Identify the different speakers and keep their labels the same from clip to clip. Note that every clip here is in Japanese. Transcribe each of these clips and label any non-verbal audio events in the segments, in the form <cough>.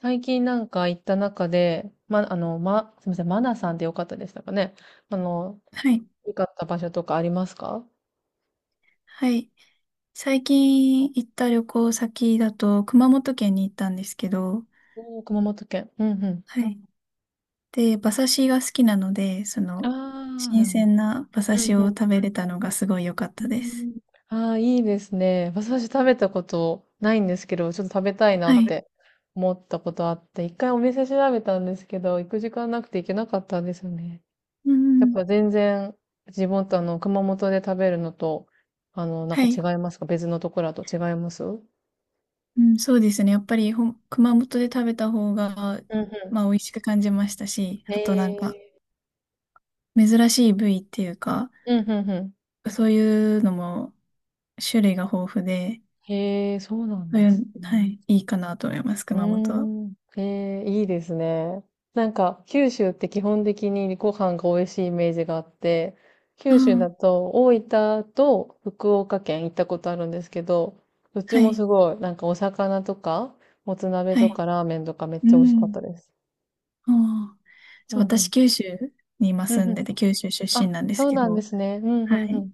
Speaker 1: 最近行った中で、ま、あの、ま、すみません、マナさんでよかったでしたかね。あの、
Speaker 2: はい。
Speaker 1: 良かった場所とかありますか？
Speaker 2: はい。最近行った旅行先だと、熊本県に行ったんですけど、
Speaker 1: おー、熊本県。うんうん。
Speaker 2: はい。で、馬刺しが好きなので、
Speaker 1: ああ、
Speaker 2: 新
Speaker 1: なるほど。
Speaker 2: 鮮な馬刺
Speaker 1: うん
Speaker 2: しを
Speaker 1: うん。
Speaker 2: 食べれたのがすごい良かっ
Speaker 1: うー
Speaker 2: たです。
Speaker 1: ん。ああー、いいですね。私食べたことないんですけど、ちょっと食べたいな
Speaker 2: は
Speaker 1: っ
Speaker 2: い。
Speaker 1: て思ったことあって、一回お店調べたんですけど、行く時間なくて行けなかったんですよね。
Speaker 2: う
Speaker 1: やっ
Speaker 2: ん。
Speaker 1: ぱ全然自分と熊本で食べるのと、あの、なん
Speaker 2: は
Speaker 1: か
Speaker 2: い。
Speaker 1: 違いますか？別のところだと違います
Speaker 2: うん、そうですね。やっぱり熊本で食べた方が、
Speaker 1: うんう
Speaker 2: まあ、美味しく感じましたし、
Speaker 1: ん。へ
Speaker 2: あとなんか、
Speaker 1: え。
Speaker 2: 珍しい部位っていうか、
Speaker 1: うん、うんう
Speaker 2: そういうのも種類が豊富で、
Speaker 1: ん。へえ、そうなん
Speaker 2: そう
Speaker 1: で
Speaker 2: い
Speaker 1: す
Speaker 2: う、は
Speaker 1: ね。
Speaker 2: い、いいかなと思います、
Speaker 1: うー
Speaker 2: 熊本は。
Speaker 1: ん。へえ、いいですね。九州って基本的にご飯が美味しいイメージがあって、
Speaker 2: あ
Speaker 1: 九州だ
Speaker 2: あ、
Speaker 1: と大分と福岡県行ったことあるんですけど、どっち
Speaker 2: は
Speaker 1: もす
Speaker 2: い、
Speaker 1: ごい、お魚とか、もつ鍋
Speaker 2: は
Speaker 1: と
Speaker 2: い。
Speaker 1: かラーメンとかめっ
Speaker 2: う
Speaker 1: ちゃ美味しかっ
Speaker 2: ん。
Speaker 1: たです。
Speaker 2: ああ、
Speaker 1: う
Speaker 2: そう、
Speaker 1: んう
Speaker 2: 私、
Speaker 1: ん。
Speaker 2: 九州に今
Speaker 1: う
Speaker 2: 住
Speaker 1: んう
Speaker 2: んで
Speaker 1: ん。
Speaker 2: て、九州出
Speaker 1: あ、
Speaker 2: 身なんです
Speaker 1: そう
Speaker 2: け
Speaker 1: なんで
Speaker 2: ど、
Speaker 1: すね。うんう
Speaker 2: は
Speaker 1: んう
Speaker 2: い。
Speaker 1: ん。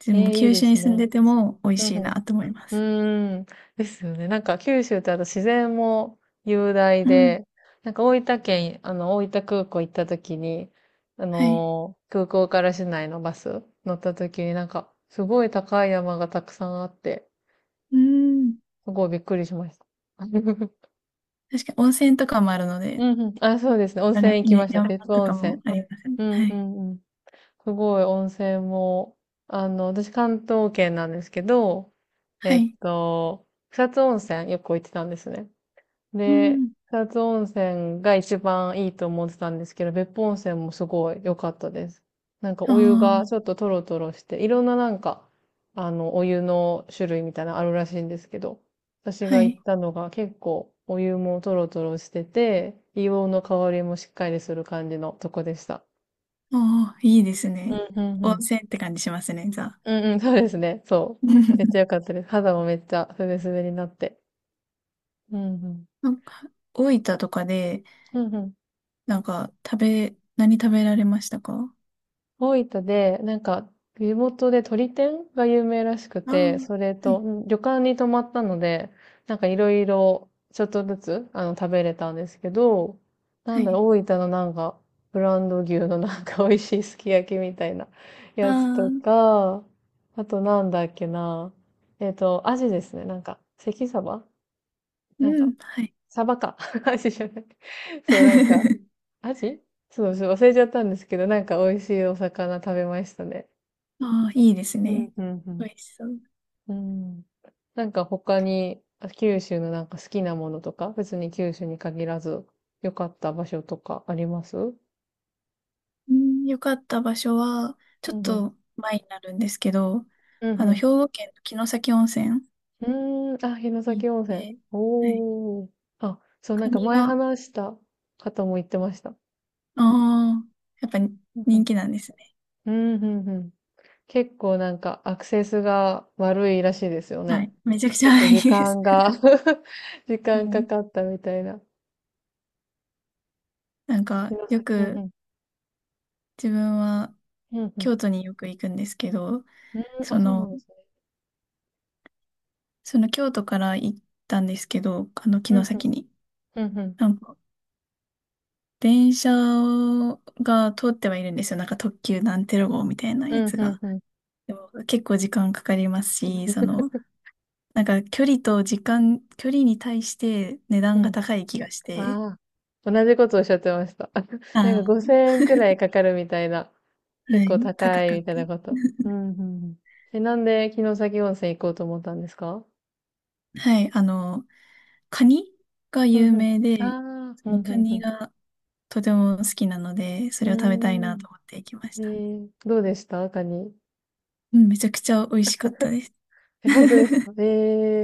Speaker 2: で
Speaker 1: え
Speaker 2: も、
Speaker 1: え、いい
Speaker 2: 九
Speaker 1: で
Speaker 2: 州
Speaker 1: す
Speaker 2: に住ん
Speaker 1: ね。
Speaker 2: でても美味
Speaker 1: う
Speaker 2: し
Speaker 1: ん
Speaker 2: いな
Speaker 1: う
Speaker 2: と思います。
Speaker 1: ん。うーん、ですよね。九州ってあと自然も雄大
Speaker 2: うん。
Speaker 1: で、大分県、大分空港行った時に、
Speaker 2: はい。
Speaker 1: 空港から市内のバス乗った時にすごい高い山がたくさんあって、
Speaker 2: うん。
Speaker 1: すごいびっくりしました。<laughs>
Speaker 2: 確かに温泉とかもあるの
Speaker 1: う
Speaker 2: で、
Speaker 1: んうん。あ、そうですね。温
Speaker 2: あれ、
Speaker 1: 泉行き
Speaker 2: ね、
Speaker 1: ました。
Speaker 2: 山
Speaker 1: 別府
Speaker 2: と
Speaker 1: 温
Speaker 2: かも
Speaker 1: 泉。
Speaker 2: ありますね。
Speaker 1: うん
Speaker 2: は
Speaker 1: う
Speaker 2: い。
Speaker 1: んうん。すごい温泉も、私関東圏なんですけど、
Speaker 2: は
Speaker 1: えっ
Speaker 2: い。
Speaker 1: と、草津温泉よく行ってたんですね。
Speaker 2: う
Speaker 1: で、
Speaker 2: ん。
Speaker 1: 草津温泉が一番いいと思ってたんですけど、別府温泉もすごい良かったです。なんか
Speaker 2: あ
Speaker 1: お湯がち
Speaker 2: あ、
Speaker 1: ょっとトロトロして、いろんななんか、あの、お湯の種類みたいなのあるらしいんですけど、私
Speaker 2: は
Speaker 1: が行っ
Speaker 2: い。
Speaker 1: たのが結構お湯もトロトロしてて、硫黄の香りもしっかりする感じのとこでした。
Speaker 2: ああ、いいです
Speaker 1: う
Speaker 2: ね。
Speaker 1: ん、うん、う
Speaker 2: 温
Speaker 1: ん。
Speaker 2: 泉って感じしますね、じゃあ。
Speaker 1: うん、うん、そうですね。そう。めっちゃ良か
Speaker 2: <laughs>
Speaker 1: ったです。肌もめっちゃすべすべになって。うん、うん。
Speaker 2: なんか、大分とかで、
Speaker 1: うん、うん。
Speaker 2: なんか、何食べられましたか？
Speaker 1: 大分で、地元で鳥天が有名らしく
Speaker 2: ああ
Speaker 1: て、
Speaker 2: ー、
Speaker 1: それ
Speaker 2: は
Speaker 1: と、
Speaker 2: い。
Speaker 1: うん旅館に泊まったので、なんかいろいろ、ちょっとずつ、食べれたんですけど、な
Speaker 2: は
Speaker 1: んだろ
Speaker 2: い。
Speaker 1: う、大分の、ブランド牛の <laughs> なんか美味しいすき焼きみたいな <laughs>
Speaker 2: あ
Speaker 1: やつと
Speaker 2: ー、
Speaker 1: か、あとなんだっけな、アジですね、なんか、関サバ
Speaker 2: う
Speaker 1: なんか、
Speaker 2: ん。はい。
Speaker 1: サバか。<laughs> アジじゃない。<laughs> そう、なんか、
Speaker 2: <laughs>
Speaker 1: アジそうそう、忘れちゃったんですけど、なんか美味しいお魚食べましたね。
Speaker 2: ああ、いいです
Speaker 1: う
Speaker 2: ね。
Speaker 1: ん、うん、
Speaker 2: 美味しそう。
Speaker 1: うん。うんなんか他に、あ九州のなんか好きなものとか、別に九州に限らず、良かった場所とかありますうん
Speaker 2: うん、よかった場所は、ちょ
Speaker 1: う
Speaker 2: っ
Speaker 1: ん。
Speaker 2: と前になるんですけど、
Speaker 1: うん
Speaker 2: あの、兵
Speaker 1: う
Speaker 2: 庫県の城崎温泉
Speaker 1: ん。うーん、あ、城
Speaker 2: に行
Speaker 1: 崎
Speaker 2: っ
Speaker 1: 温泉。
Speaker 2: て、はい。
Speaker 1: おー。あ、そう、な
Speaker 2: カ
Speaker 1: んか
Speaker 2: ニ
Speaker 1: 前
Speaker 2: が、あ
Speaker 1: 話した方も言ってました。
Speaker 2: あ、やっぱ
Speaker 1: うんう
Speaker 2: 人
Speaker 1: ん。
Speaker 2: 気なんですね。
Speaker 1: うんうんうん。結構なんかアクセスが悪いらしいですよ
Speaker 2: はい。
Speaker 1: ね。
Speaker 2: めちゃくち
Speaker 1: 結構
Speaker 2: ゃい
Speaker 1: 時
Speaker 2: いです。
Speaker 1: 間が <laughs> 時
Speaker 2: は
Speaker 1: 間か
Speaker 2: い。
Speaker 1: かったみたいな。
Speaker 2: なんか、
Speaker 1: 城
Speaker 2: よ
Speaker 1: 崎。うんう
Speaker 2: く
Speaker 1: ん。
Speaker 2: 自分は
Speaker 1: うんうん。
Speaker 2: 京都によく行くんですけど、
Speaker 1: うん、
Speaker 2: そ
Speaker 1: あ、そうな
Speaker 2: の、
Speaker 1: んですね。
Speaker 2: その、京都から行ったんですけど、あの、
Speaker 1: う
Speaker 2: 城
Speaker 1: ん、ふん、
Speaker 2: 崎に。
Speaker 1: うんうん
Speaker 2: なんか、電車が通ってはいるんですよ。なんか特急なんてろ号みたいな
Speaker 1: う
Speaker 2: や
Speaker 1: ん
Speaker 2: つ
Speaker 1: うん、
Speaker 2: が。
Speaker 1: うんん。
Speaker 2: でも結構時間かかりますし、その、
Speaker 1: <laughs>
Speaker 2: なんか距離と時間、距離に対して値
Speaker 1: う
Speaker 2: 段が
Speaker 1: ん。
Speaker 2: 高い気がして、
Speaker 1: ああ、同じことおっしゃってました。<laughs> なんか
Speaker 2: あ
Speaker 1: 5000円くらいかかるみたいな。
Speaker 2: ー、は
Speaker 1: 結構
Speaker 2: い、高
Speaker 1: 高
Speaker 2: か
Speaker 1: い
Speaker 2: っ
Speaker 1: み
Speaker 2: た。
Speaker 1: たいなこと。うんうんうん。え、なんで城崎温泉行こうと思ったんですか？
Speaker 2: はい、あの、カニが
Speaker 1: うん
Speaker 2: 有
Speaker 1: う
Speaker 2: 名
Speaker 1: ん。
Speaker 2: で、
Speaker 1: ああ、う
Speaker 2: そ
Speaker 1: ん
Speaker 2: の
Speaker 1: う
Speaker 2: カ
Speaker 1: ん
Speaker 2: ニ
Speaker 1: う
Speaker 2: がとても好きなので、そ
Speaker 1: ん。う
Speaker 2: れを食べたい
Speaker 1: ー
Speaker 2: な
Speaker 1: ん。
Speaker 2: と思って行きまし
Speaker 1: え
Speaker 2: た。
Speaker 1: ー、どうでしたカニ。
Speaker 2: うん、めちゃくちゃ美味しかったです。
Speaker 1: え、本
Speaker 2: <laughs>
Speaker 1: 当ですか？え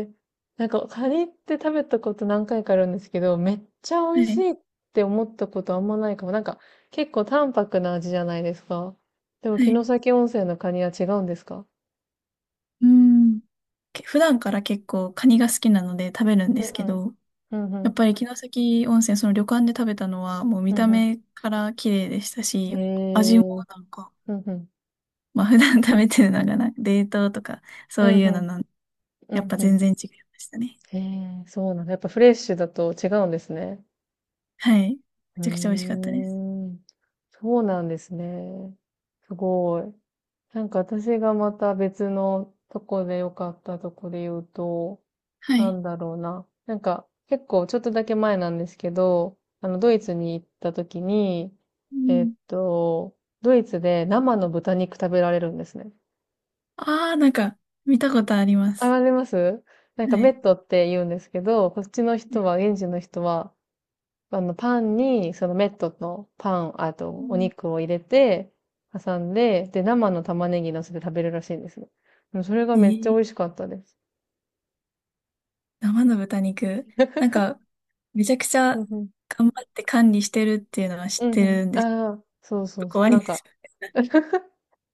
Speaker 1: え、カニって食べたこと何回かあるんですけど、めっちゃ美
Speaker 2: は
Speaker 1: 味し
Speaker 2: い、
Speaker 1: いって思ったことあんまないかも。結構淡白な味じゃないですか。でも、
Speaker 2: は
Speaker 1: 城
Speaker 2: い。
Speaker 1: 崎温泉のカニは違うんですか？
Speaker 2: うん。普段から結構カニが好きなので食べるん
Speaker 1: う
Speaker 2: で
Speaker 1: ん
Speaker 2: す
Speaker 1: う
Speaker 2: け
Speaker 1: ん。
Speaker 2: ど、
Speaker 1: うんう
Speaker 2: やっ
Speaker 1: ん。
Speaker 2: ぱり城崎温泉、その旅館で食べたのはもう見
Speaker 1: う
Speaker 2: た
Speaker 1: んう
Speaker 2: 目から綺麗でした
Speaker 1: ん。え
Speaker 2: し、味も
Speaker 1: え
Speaker 2: なんか、
Speaker 1: うんうん。
Speaker 2: まあ普段食べてるのがな、冷凍とか
Speaker 1: う
Speaker 2: そう
Speaker 1: ん
Speaker 2: い
Speaker 1: う
Speaker 2: うの
Speaker 1: ん。う
Speaker 2: やっ
Speaker 1: ん
Speaker 2: ぱ
Speaker 1: うん。
Speaker 2: 全然違いましたね。
Speaker 1: ええそうなんだ。やっぱフレッシュだと違うんですね。
Speaker 2: はい。め
Speaker 1: うー
Speaker 2: ちゃくちゃ美味しかったです。
Speaker 1: ん。そうなんですね。すごい。なんか私がまた別のとこで良かったとこで言うと、
Speaker 2: は
Speaker 1: な
Speaker 2: い。
Speaker 1: んだろうな。なんか結構ちょっとだけ前なんですけど、ドイツに行った時に、
Speaker 2: う
Speaker 1: えっ
Speaker 2: ん。
Speaker 1: と、ドイツで生の豚肉食べられるんですね。
Speaker 2: ああ、なんか見たことありま
Speaker 1: あ、
Speaker 2: す。
Speaker 1: ありますなん
Speaker 2: は
Speaker 1: かメ
Speaker 2: い。
Speaker 1: ットって言うんですけど、こっちの
Speaker 2: は
Speaker 1: 人
Speaker 2: い、
Speaker 1: は、現地の人はパンに、そのメットのパン、あ
Speaker 2: う
Speaker 1: と、お
Speaker 2: ん、
Speaker 1: 肉を入れて、挟んで、で、生の玉ねぎ乗せて食べるらしいんですね。でそれが
Speaker 2: え
Speaker 1: めっちゃ
Speaker 2: ー、
Speaker 1: 美味しかったです。
Speaker 2: 生の豚肉。なんか、めちゃくち
Speaker 1: うん
Speaker 2: ゃ
Speaker 1: うん。
Speaker 2: 頑張って管理してるっていうのは
Speaker 1: う
Speaker 2: 知っ
Speaker 1: んう
Speaker 2: て
Speaker 1: ん。
Speaker 2: るんです。ちょ
Speaker 1: ああ、そう
Speaker 2: っ
Speaker 1: そ
Speaker 2: と
Speaker 1: うそ
Speaker 2: 怖
Speaker 1: う。
Speaker 2: いです。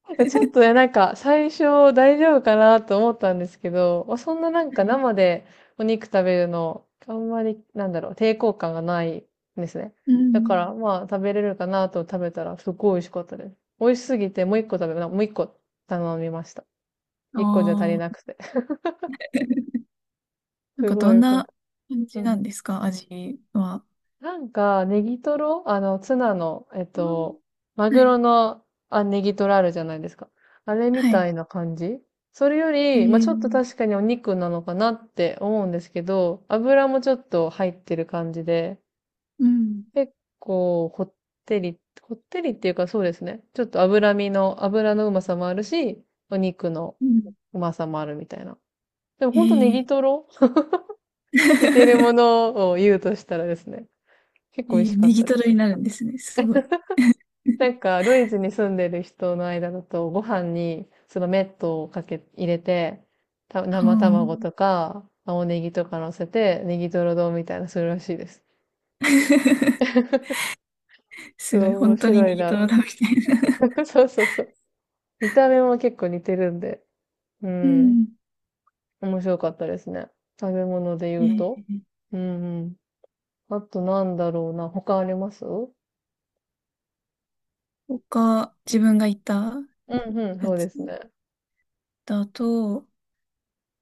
Speaker 1: ちょっとね、
Speaker 2: <laughs>
Speaker 1: 最初大丈夫かなと思ったんですけど、まあそんな
Speaker 2: はい、
Speaker 1: 生でお肉食べるの、あんまり、なんだろう、抵抗感がないんですね。
Speaker 2: う
Speaker 1: だか
Speaker 2: ん。
Speaker 1: ら、まあ、食べれるかなと食べたら、すっごい美味しかったです。美味しすぎて、もう一個頼みました。
Speaker 2: あ
Speaker 1: 一個じゃ足りな
Speaker 2: あ。
Speaker 1: くて。<laughs>
Speaker 2: なん
Speaker 1: す
Speaker 2: か
Speaker 1: ご
Speaker 2: ど
Speaker 1: い
Speaker 2: ん
Speaker 1: よかっ
Speaker 2: な
Speaker 1: た。
Speaker 2: 感
Speaker 1: う
Speaker 2: じなん
Speaker 1: ん
Speaker 2: ですか、味は。
Speaker 1: なんか、ネギトロあの、ツナの、えっ
Speaker 2: うん、
Speaker 1: と、マ
Speaker 2: は
Speaker 1: グロ
Speaker 2: い、
Speaker 1: の、あ、ネギトロあるじゃないですか。あれみ
Speaker 2: は
Speaker 1: た
Speaker 2: い。
Speaker 1: いな感じ。それよ
Speaker 2: へ
Speaker 1: り、まあ、ちょっと確
Speaker 2: え、
Speaker 1: かにお肉なのかなって思うんですけど、油もちょっと入ってる感じで、
Speaker 2: うん、
Speaker 1: 結構、こってりっていうかそうですね。ちょっと脂身の、油のうまさもあるし、お肉の
Speaker 2: うん。
Speaker 1: うまさもあるみたいな。でも
Speaker 2: え
Speaker 1: ほんとネギ
Speaker 2: え、
Speaker 1: トロ
Speaker 2: <laughs>
Speaker 1: 似てるも
Speaker 2: え
Speaker 1: のを言うとしたらですね、結構美味し
Speaker 2: え、
Speaker 1: かっ
Speaker 2: ネギ
Speaker 1: た
Speaker 2: ト
Speaker 1: で
Speaker 2: ロ
Speaker 1: す。
Speaker 2: になるんですね。すごい。<laughs>
Speaker 1: ドイツに住んでる人の間だと、ご飯にそのメットを入れて、た
Speaker 2: ああ、
Speaker 1: 生卵とか、青ネギとか乗せて、ネギトロ丼みたいなするらしいです。
Speaker 2: <laughs>
Speaker 1: <laughs> そ
Speaker 2: す
Speaker 1: う、
Speaker 2: ごい。
Speaker 1: 面
Speaker 2: 本当に
Speaker 1: 白
Speaker 2: ネ
Speaker 1: い
Speaker 2: ギ
Speaker 1: な
Speaker 2: ト
Speaker 1: って。
Speaker 2: ロだみたいな。
Speaker 1: <laughs> そうそうそう。見た目も結構似てるんで、う
Speaker 2: う
Speaker 1: ん、
Speaker 2: ん。
Speaker 1: 面白かったですね。食べ物で言
Speaker 2: え
Speaker 1: うと。
Speaker 2: え、
Speaker 1: うんうん。あとなんだろうな、他ありますう
Speaker 2: 他、自分が行った
Speaker 1: んうん、
Speaker 2: や
Speaker 1: そうで
Speaker 2: つ
Speaker 1: すね。
Speaker 2: だと、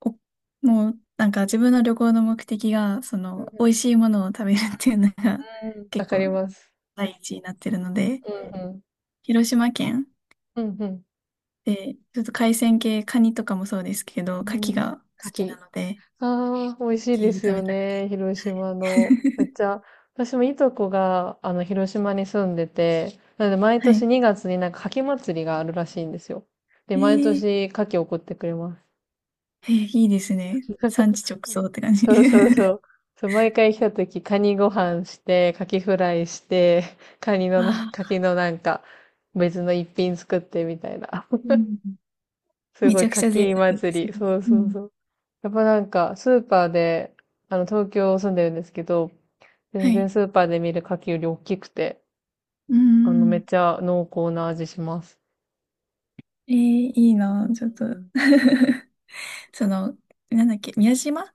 Speaker 2: お、もう、なんか自分の旅行の目的が、その、美味しいものを食べるっていうのが <laughs>
Speaker 1: うん、わ
Speaker 2: 結
Speaker 1: か
Speaker 2: 構
Speaker 1: ります。
Speaker 2: 第一になってるので、
Speaker 1: うん
Speaker 2: 広島県
Speaker 1: うん。うん
Speaker 2: で、ちょっと海鮮系、カニとかもそうですけど、
Speaker 1: う
Speaker 2: 牡蠣
Speaker 1: ん。うん。
Speaker 2: が好
Speaker 1: 牡
Speaker 2: き
Speaker 1: 蠣。
Speaker 2: なので、
Speaker 1: ああ、美味しい
Speaker 2: 牡
Speaker 1: で
Speaker 2: 蠣
Speaker 1: す
Speaker 2: 食
Speaker 1: よ
Speaker 2: べたくて。
Speaker 1: ね。広
Speaker 2: はい。
Speaker 1: 島の。めっち
Speaker 2: <laughs>
Speaker 1: ゃ、私もいとこが、広島に住んでて、なので毎
Speaker 2: は
Speaker 1: 年
Speaker 2: い。
Speaker 1: 2月になんか牡蠣祭りがあるらしいんですよ。で、
Speaker 2: え
Speaker 1: 毎
Speaker 2: ー、
Speaker 1: 年牡蠣送ってくれます。
Speaker 2: えー、いいですね。産
Speaker 1: <laughs>
Speaker 2: 地直送って感じ。
Speaker 1: そうそうそう。そう、毎回来た時、カニご飯して、カキフライして、
Speaker 2: <laughs> あ
Speaker 1: カキ
Speaker 2: あ、
Speaker 1: のなんか、別の一品作ってみたいな。
Speaker 2: うん、
Speaker 1: す
Speaker 2: め
Speaker 1: ご
Speaker 2: ち
Speaker 1: い、
Speaker 2: ゃくち
Speaker 1: か
Speaker 2: ゃ贅
Speaker 1: き
Speaker 2: 沢です
Speaker 1: 祭
Speaker 2: ね。
Speaker 1: り。そう
Speaker 2: う
Speaker 1: そう
Speaker 2: ん。
Speaker 1: そう。やっぱなんか、スーパーで、東京住んでるんですけど、
Speaker 2: は
Speaker 1: 全然
Speaker 2: い。
Speaker 1: スーパーで見る牡蠣より大きくて、
Speaker 2: う
Speaker 1: めっ
Speaker 2: ん。
Speaker 1: ちゃ濃厚な味します。
Speaker 2: えー、いい
Speaker 1: う
Speaker 2: な、
Speaker 1: ん、
Speaker 2: ちょっと <laughs> その、なんだっけ、宮島、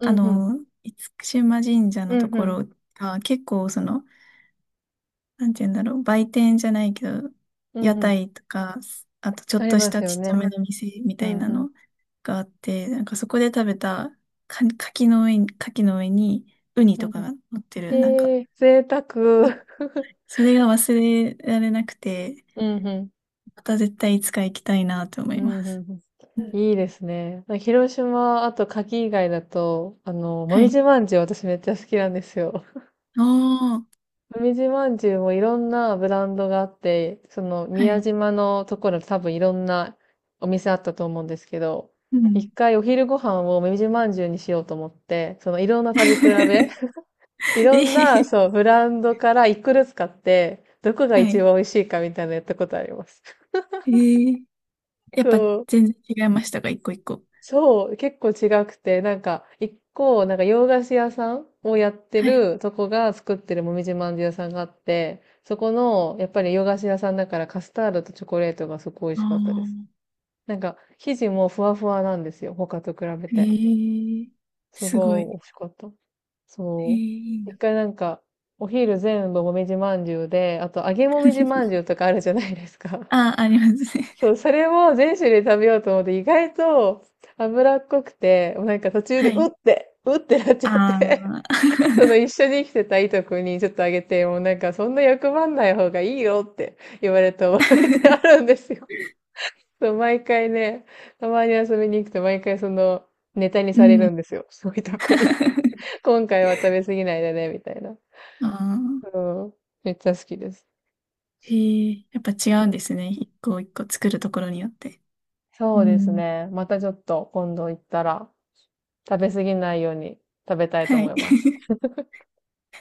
Speaker 1: う
Speaker 2: あ
Speaker 1: ん、うん、
Speaker 2: の、厳島神社
Speaker 1: う
Speaker 2: のと
Speaker 1: ん、う
Speaker 2: こ
Speaker 1: ん、
Speaker 2: ろが結構その、なんて言うんだろう、売店じゃないけど、
Speaker 1: う
Speaker 2: 屋
Speaker 1: んうん。
Speaker 2: 台とか、あとちょ
Speaker 1: あ
Speaker 2: っ
Speaker 1: り
Speaker 2: とし
Speaker 1: ます
Speaker 2: た
Speaker 1: よ
Speaker 2: ちっちゃ
Speaker 1: ね。
Speaker 2: めの店み
Speaker 1: う
Speaker 2: たい
Speaker 1: ん、
Speaker 2: な
Speaker 1: うん、
Speaker 2: のがあって、なんかそこで食べたか、柿の上にウニ
Speaker 1: うん。
Speaker 2: と
Speaker 1: う
Speaker 2: か
Speaker 1: ん
Speaker 2: が乗ってる、なんか、
Speaker 1: へえ、贅沢。
Speaker 2: それが忘れられなくて、
Speaker 1: うん、うん、
Speaker 2: また絶対いつか行きたいなと思
Speaker 1: う
Speaker 2: い
Speaker 1: ん、う
Speaker 2: ま
Speaker 1: ん。
Speaker 2: す。
Speaker 1: うんいいですね。広島、あと牡蠣以外だと、も
Speaker 2: は
Speaker 1: み
Speaker 2: い。
Speaker 1: じまんじゅう私めっちゃ好きなんですよ。
Speaker 2: おー、
Speaker 1: もみじまんじゅうもいろんなブランドがあって、その
Speaker 2: は
Speaker 1: 宮
Speaker 2: い。
Speaker 1: 島のところ多分いろんなお店あったと思うんですけど、
Speaker 2: う
Speaker 1: 一
Speaker 2: ん。
Speaker 1: 回お昼ご飯をもみじまんじゅうにしようと思って、そのいろんな食べ比べ、<laughs> い
Speaker 2: <laughs>
Speaker 1: ろ
Speaker 2: え
Speaker 1: んな、
Speaker 2: ー、
Speaker 1: そう、ブランドから一個ずつ買って、どこが
Speaker 2: は
Speaker 1: 一
Speaker 2: い。
Speaker 1: 番美味しいかみたいなのやったことあります。<laughs>
Speaker 2: えー、やっ
Speaker 1: そ
Speaker 2: ぱ
Speaker 1: う
Speaker 2: 全然違いましたか、一個一個。
Speaker 1: そう、結構違くて、なんか、洋菓子屋さんをやって
Speaker 2: はい。
Speaker 1: るとこが作ってるもみじまんじゅう屋さんがあって、そこの、やっぱり洋菓子屋さんだからカスタードとチョコレートがすごい美
Speaker 2: あ
Speaker 1: 味しかったです。
Speaker 2: あ、
Speaker 1: なんか、生地もふわふわなんですよ。他と比べ
Speaker 2: え
Speaker 1: て。
Speaker 2: ー、
Speaker 1: す
Speaker 2: すご
Speaker 1: ごい美
Speaker 2: い。
Speaker 1: 味しかった。
Speaker 2: えー、
Speaker 1: そ
Speaker 2: いい
Speaker 1: う。一
Speaker 2: な。
Speaker 1: 回なんか、お昼全部もみじまんじゅうで、あと揚げもみじまんじゅうとかあるじゃないです
Speaker 2: <laughs>
Speaker 1: か。
Speaker 2: ああ、ありますね。
Speaker 1: そう、それも全種類食べようと思って、意外と脂っこくて、もうなんか途
Speaker 2: <laughs>
Speaker 1: 中
Speaker 2: は
Speaker 1: でうっ
Speaker 2: い。
Speaker 1: て、うってなっちゃって、
Speaker 2: あ
Speaker 1: <laughs> その一
Speaker 2: あ。
Speaker 1: 緒に生きてたいとこにちょっとあげて、もうなんかそんな欲張んない方がいいよって言われた覚えてあ
Speaker 2: <laughs>
Speaker 1: るんですよ。<laughs> そう、毎回ね、たまに遊びに行くと毎回そのネタに
Speaker 2: う
Speaker 1: される
Speaker 2: ん。
Speaker 1: んですよ。そういうとこに。
Speaker 2: <laughs>
Speaker 1: <laughs> 今回は食べ過ぎないでね、みたいな。
Speaker 2: あ
Speaker 1: う
Speaker 2: あ。
Speaker 1: ん。めっちゃ好きです。
Speaker 2: えー、やっぱ違うんですね。一個一個作るところによって。う
Speaker 1: そうです
Speaker 2: ん。
Speaker 1: ね。またちょっと今度行ったら食べ過ぎないように食べたいと
Speaker 2: は
Speaker 1: 思
Speaker 2: い。
Speaker 1: います。